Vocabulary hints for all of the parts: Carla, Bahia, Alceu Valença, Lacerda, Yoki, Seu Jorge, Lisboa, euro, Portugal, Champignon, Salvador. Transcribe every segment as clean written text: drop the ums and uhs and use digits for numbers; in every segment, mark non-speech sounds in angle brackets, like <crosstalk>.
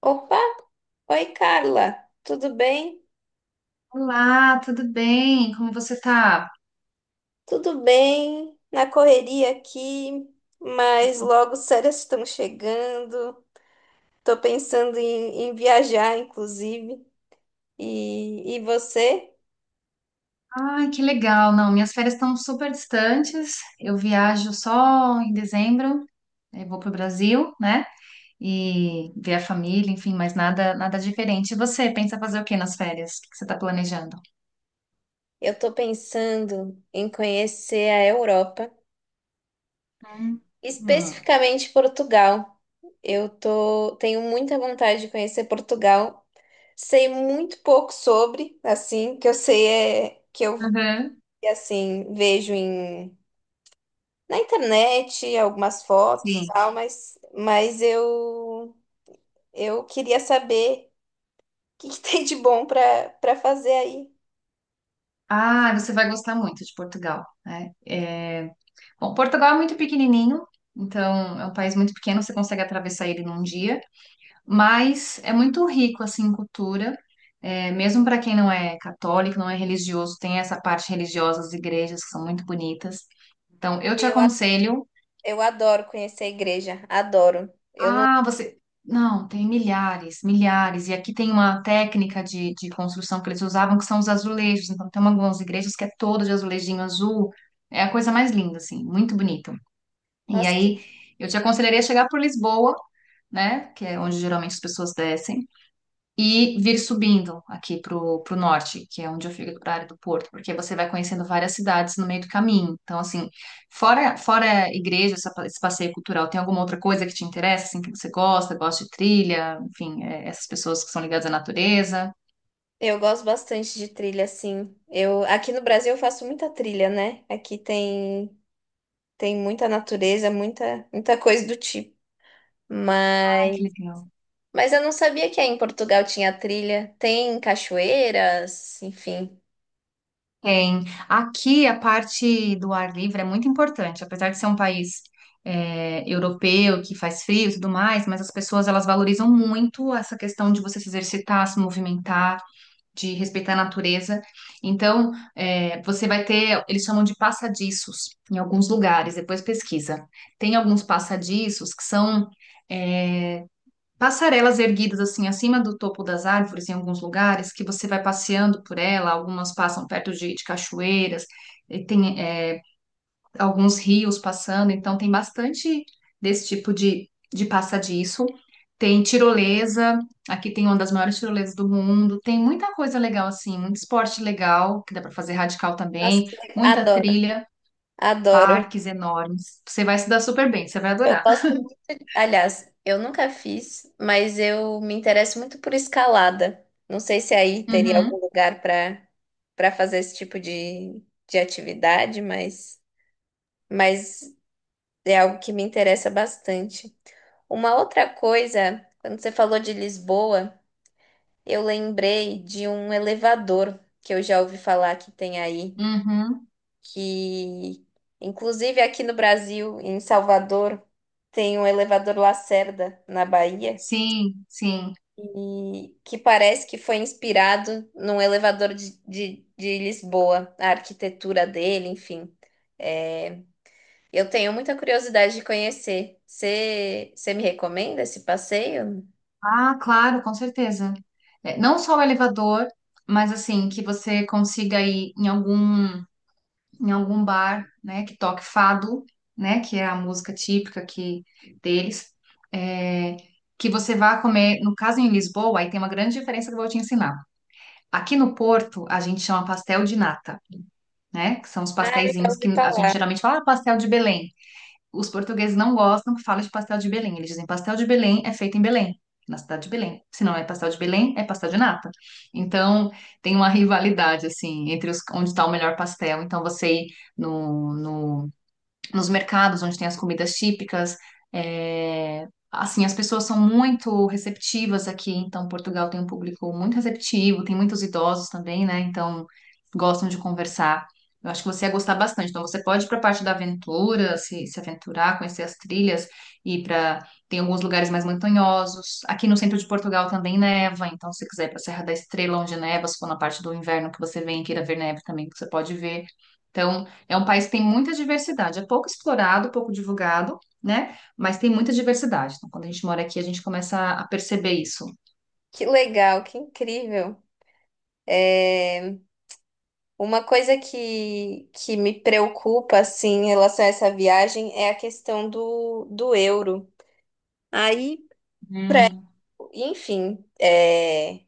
Opa! Oi, Carla. Tudo bem? Olá, tudo bem? Como você tá? Tudo bem? Na correria aqui, mas logo as férias estão chegando. Tô pensando em viajar, inclusive. E você? Ai, que legal. Não, minhas férias estão super distantes. Eu viajo só em dezembro, aí vou pro Brasil, né? E ver a família, enfim, mas nada, nada diferente. E você pensa fazer o que nas férias? O que que você tá planejando? Eu tô pensando em conhecer a Europa, Hum. Hum. especificamente Portugal. Tenho muita vontade de conhecer Portugal. Sei muito pouco sobre, assim, que eu sei é que eu Uhum. assim vejo na internet, algumas fotos, Sim. tal, mas eu queria saber o que <laughs> tem de bom para fazer aí. Ah, você vai gostar muito de Portugal, né? Bom, Portugal é muito pequenininho, então é um país muito pequeno, você consegue atravessar ele num dia, mas é muito rico assim em cultura, mesmo para quem não é católico, não é religioso, tem essa parte religiosa das igrejas que são muito bonitas. Então, eu te Eu, a- aconselho. eu adoro conhecer a igreja, adoro. Eu não, Ah, você. Não, tem milhares, milhares. E aqui tem uma técnica de construção que eles usavam, que são os azulejos. Então, tem algumas igrejas que é todo de azulejinho azul. É a coisa mais linda, assim, muito bonito. E nossa, que aí, eu te aconselharia chegar por Lisboa, né? Que é onde geralmente as pessoas descem e vir subindo aqui para o norte, que é onde eu fico, para a área do Porto, porque você vai conhecendo várias cidades no meio do caminho. Então, assim, fora a igreja, esse passeio cultural, tem alguma outra coisa que te interessa, assim, que você gosta de trilha, enfim, essas pessoas que são ligadas à natureza? Eu gosto bastante de trilha, assim. Eu aqui no Brasil eu faço muita trilha, né? Aqui tem muita natureza, muita coisa do tipo. Ai, Mas que legal. mas eu não sabia que aí em Portugal tinha trilha. Tem cachoeiras, enfim. Tem. Aqui a parte do ar livre é muito importante, apesar de ser um país europeu que faz frio e tudo mais, mas as pessoas elas valorizam muito essa questão de você se exercitar, se movimentar, de respeitar a natureza. Então, você vai ter, eles chamam de passadiços em alguns lugares, depois pesquisa. Tem alguns passadiços que são é, passarelas erguidas assim acima do topo das árvores em alguns lugares, que você vai passeando por ela, algumas passam perto de cachoeiras, e tem alguns rios passando, então tem bastante desse tipo de passadiço. Tem tirolesa, aqui tem uma das maiores tirolesas do mundo, tem muita coisa legal assim, muito esporte legal, que dá para fazer radical Nossa, também, muita adoro. trilha, Adoro. parques enormes. Você vai se dar super bem, você vai Eu adorar. gosto, aliás, eu nunca fiz, mas eu me interesso muito por escalada. Não sei se aí teria algum Uhum, lugar para fazer esse tipo de atividade, mas é algo que me interessa bastante. Uma outra coisa, quando você falou de Lisboa, eu lembrei de um elevador que eu já ouvi falar que tem aí. uhum. Que inclusive aqui no Brasil, em Salvador, tem um elevador Lacerda na Bahia, Sim, sim. e que parece que foi inspirado num elevador de Lisboa, a arquitetura dele, enfim. É, eu tenho muita curiosidade de conhecer. Você me recomenda esse passeio? Ah, claro, com certeza. É, não só o elevador, mas assim, que você consiga ir em algum bar, né, que toque fado, né, que é a música típica que deles, é, que você vá comer, no caso em Lisboa, aí tem uma grande diferença que eu vou te ensinar. Aqui no Porto, a gente chama pastel de nata, né, que são os Ah, eu já pastéisinhos ouvi que a gente falar. geralmente fala, ah, pastel de Belém. Os portugueses não gostam que fala de pastel de Belém. Eles dizem pastel de Belém é feito em Belém, na cidade de Belém. Se não é pastel de Belém, é pastel de nata. Então, tem uma rivalidade, assim, entre os, onde está o melhor pastel. Então, você ir no, no nos mercados onde tem as comidas típicas. É, assim, as pessoas são muito receptivas aqui, então Portugal tem um público muito receptivo, tem muitos idosos também, né? Então gostam de conversar. Eu acho que você ia gostar bastante. Então você pode ir para a parte da aventura, se aventurar, conhecer as trilhas e para tem alguns lugares mais montanhosos. Aqui no centro de Portugal também neva, então se quiser ir para a Serra da Estrela onde neva, se for na parte do inverno que você vem e queira ver neve também, você pode ver. Então é um país que tem muita diversidade, é pouco explorado, pouco divulgado, né? Mas tem muita diversidade. Então, quando a gente mora aqui, a gente começa a perceber isso. Que legal, que incrível. É, uma coisa que me preocupa, assim, em relação a essa viagem é a questão do, do euro. Aí, Hum. enfim, é,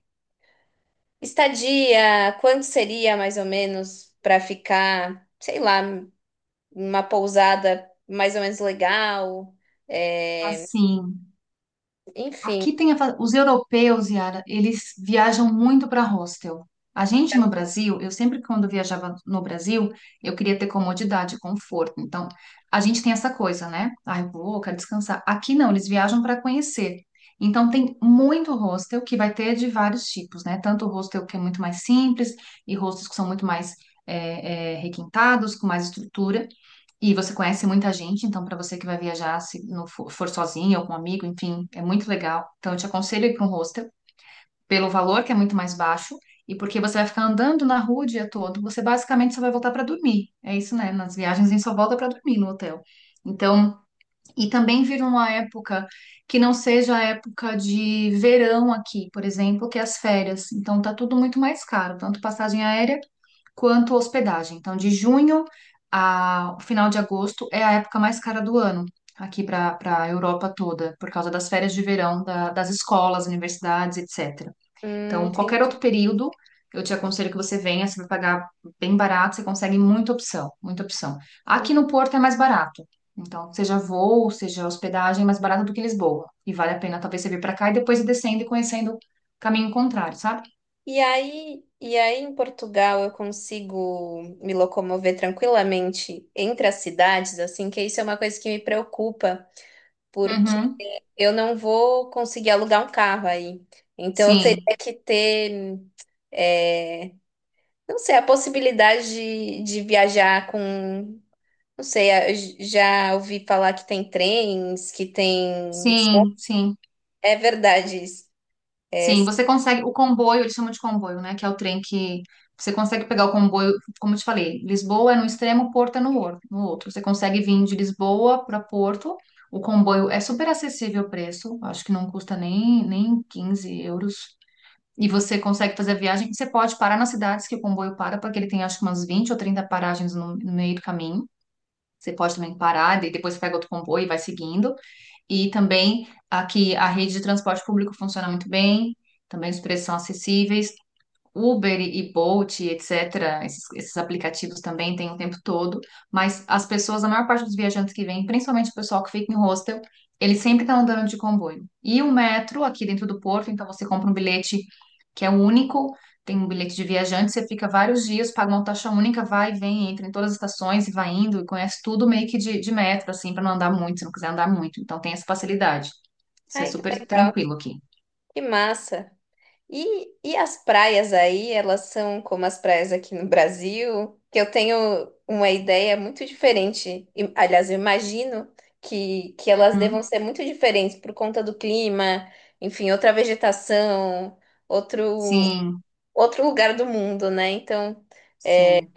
estadia, quanto seria mais ou menos para ficar, sei lá, uma pousada mais ou menos legal? É, Assim. enfim, Aqui tem a os europeus, Yara, eles viajam muito para hostel. A gente no Brasil, eu sempre quando viajava no Brasil, eu queria ter comodidade, conforto. Então, a gente tem essa coisa, né? Ah, eu quero descansar. Aqui não, eles viajam para conhecer. Então, tem muito hostel que vai ter de vários tipos, né? Tanto hostel que é muito mais simples e hostels que são muito mais requintados, com mais estrutura. E você conhece muita gente, então para você que vai viajar, se não for sozinho ou com um amigo, enfim, é muito legal. Então eu te aconselho a ir para um hostel, pelo valor que é muito mais baixo, e porque você vai ficar andando na rua o dia todo, você basicamente só vai voltar para dormir. É isso, né? Nas viagens a gente só volta para dormir no hotel. Então, e também vir numa época que não seja a época de verão aqui, por exemplo, que é as férias. Então tá tudo muito mais caro, tanto passagem aérea quanto hospedagem. Então, de junho a o final de agosto é a época mais cara do ano aqui para a Europa toda, por causa das férias de verão das escolas, universidades, etc. Então, qualquer entendi. outro período, eu te aconselho que você venha, você vai pagar bem barato, você consegue muita opção, muita opção. Aqui no Porto é mais barato. Então, seja voo, seja hospedagem, é mais barato do que Lisboa. E vale a pena talvez você vir para cá e depois ir descendo e conhecendo o caminho contrário, sabe? E aí em Portugal eu consigo me locomover tranquilamente entre as cidades, assim, que isso é uma coisa que me preocupa, porque Uhum. eu não vou conseguir alugar um carro aí. Então eu Sim, teria que ter, é, não sei, a possibilidade de viajar com, não sei, já ouvi falar que tem trens, que tem. sim, sim. É verdade isso. Sim, você consegue o comboio, eles chamam de comboio, né? Que é o trem que você consegue pegar o comboio, como eu te falei, Lisboa é no extremo, Porto é no outro. Você consegue vir de Lisboa para Porto. O comboio é super acessível o preço, acho que não custa nem 15 euros. E você consegue fazer a viagem. Você pode parar nas cidades que o comboio para, porque ele tem acho que umas 20 ou 30 paragens no meio do caminho. Você pode também parar, e depois pega outro comboio e vai seguindo. E também aqui a rede de transporte público funciona muito bem, também os preços são acessíveis. Uber e Bolt, etc., esses aplicativos também têm o tempo todo, mas as pessoas, a maior parte dos viajantes que vêm, principalmente o pessoal que fica em hostel, ele sempre está andando de comboio. E o metro aqui dentro do Porto, então você compra um bilhete que é único, tem um bilhete de viajante, você fica vários dias, paga uma taxa única, vai e vem, entra em todas as estações e vai indo, e conhece tudo meio que de metro, assim, para não andar muito, se não quiser andar muito. Então tem essa facilidade. Isso é Ai, que super legal, tranquilo aqui. que massa. E as praias aí, elas são como as praias aqui no Brasil, que eu tenho uma ideia muito diferente. E, aliás, eu imagino que elas devam Uhum. ser muito diferentes por conta do clima, enfim, outra vegetação, outro, Sim, outro lugar do mundo, né? Então, sim.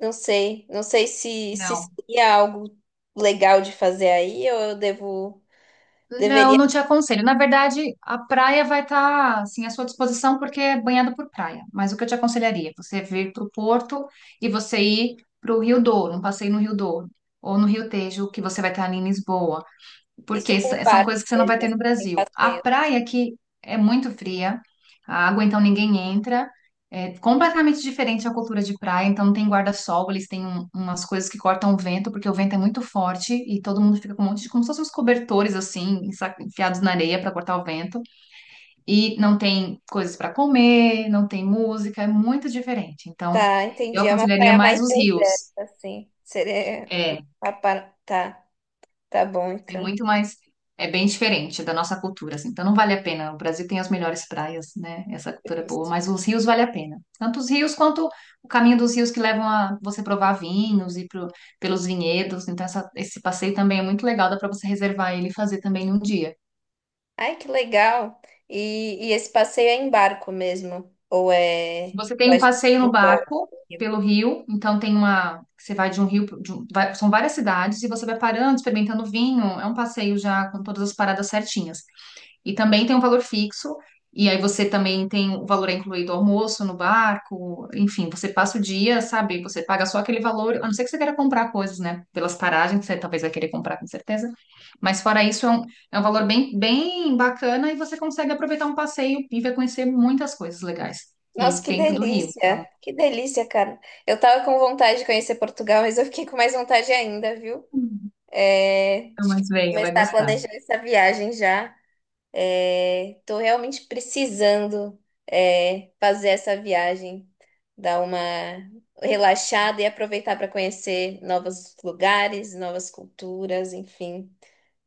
não sei, não sei se Não. seria algo legal de fazer aí ou eu devo, Não, deveria não te aconselho. Na verdade, a praia vai estar assim à sua disposição porque é banhada por praia. Mas o que eu te aconselharia é você vir para o Porto e você ir para o Rio Douro, um passeio no Rio Douro ou no Rio Tejo, que você vai estar ali em Lisboa porque isso com o são barco coisas que você não vai mesmo, ter assim, no sem Brasil. A passeio. praia aqui é muito fria, a água então ninguém entra, é completamente diferente a cultura de praia, então não tem guarda-sol, eles têm umas coisas que cortam o vento, porque o vento é muito forte e todo mundo fica com um monte de, como se fossem uns cobertores assim, enfiados na areia para cortar o vento, e não tem coisas para comer, não tem música, é muito diferente. Então, Tá, eu entendi. É uma aconselharia praia mais mais os rios. deserta, assim. Seria. É, Tá, tá bom, É então. muito mais. É bem diferente da nossa cultura, assim. Então não vale a pena. O Brasil tem as melhores praias, né? Essa cultura é boa, Perfeito. mas os rios vale a pena. Tanto os rios quanto o caminho dos rios que levam a você provar vinhos e pelos vinhedos. Então esse passeio também é muito legal, dá para você reservar ele e fazer também num dia. Ai, que legal. E esse passeio é em barco mesmo? Ou é. Você tem Ou a um gente passeio no embarca? barco pelo rio, então tem uma. Você vai de um rio, pro- de um- vai- São várias cidades e você vai parando, experimentando vinho. É um passeio já com todas as paradas certinhas. E também tem um valor fixo, e aí você também tem o valor é incluído almoço no barco, enfim, você passa o dia, sabe? Você paga só aquele valor, a não ser que você queira comprar coisas, né? Pelas paragens, você talvez vai querer comprar com certeza. Mas fora isso, é um valor bem, bem bacana e você consegue aproveitar um passeio e vai conhecer muitas coisas legais. Nossa, E que dentro do Rio, delícia! então. Que delícia, cara. Eu tava com vontade de conhecer Portugal, mas eu fiquei com mais vontade ainda, viu? É... Então, Acho que mas vou venha, vai começar a gostar. Tá planejar essa viagem já. Estou realmente precisando é, fazer essa viagem, dar uma relaxada e aproveitar para conhecer novos lugares, novas culturas, enfim.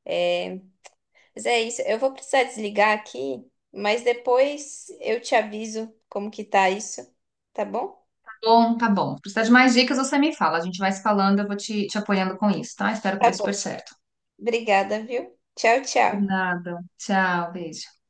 É, mas é isso. Eu vou precisar desligar aqui, mas depois eu te aviso como que tá isso, tá bom? Bom, tá bom. Se precisar de mais dicas, você me fala. A gente vai se falando, eu vou te apoiando com isso, tá? Espero que Tá dê super bom. certo. Obrigada, viu? Tchau, Por tchau. nada. Tchau, beijo.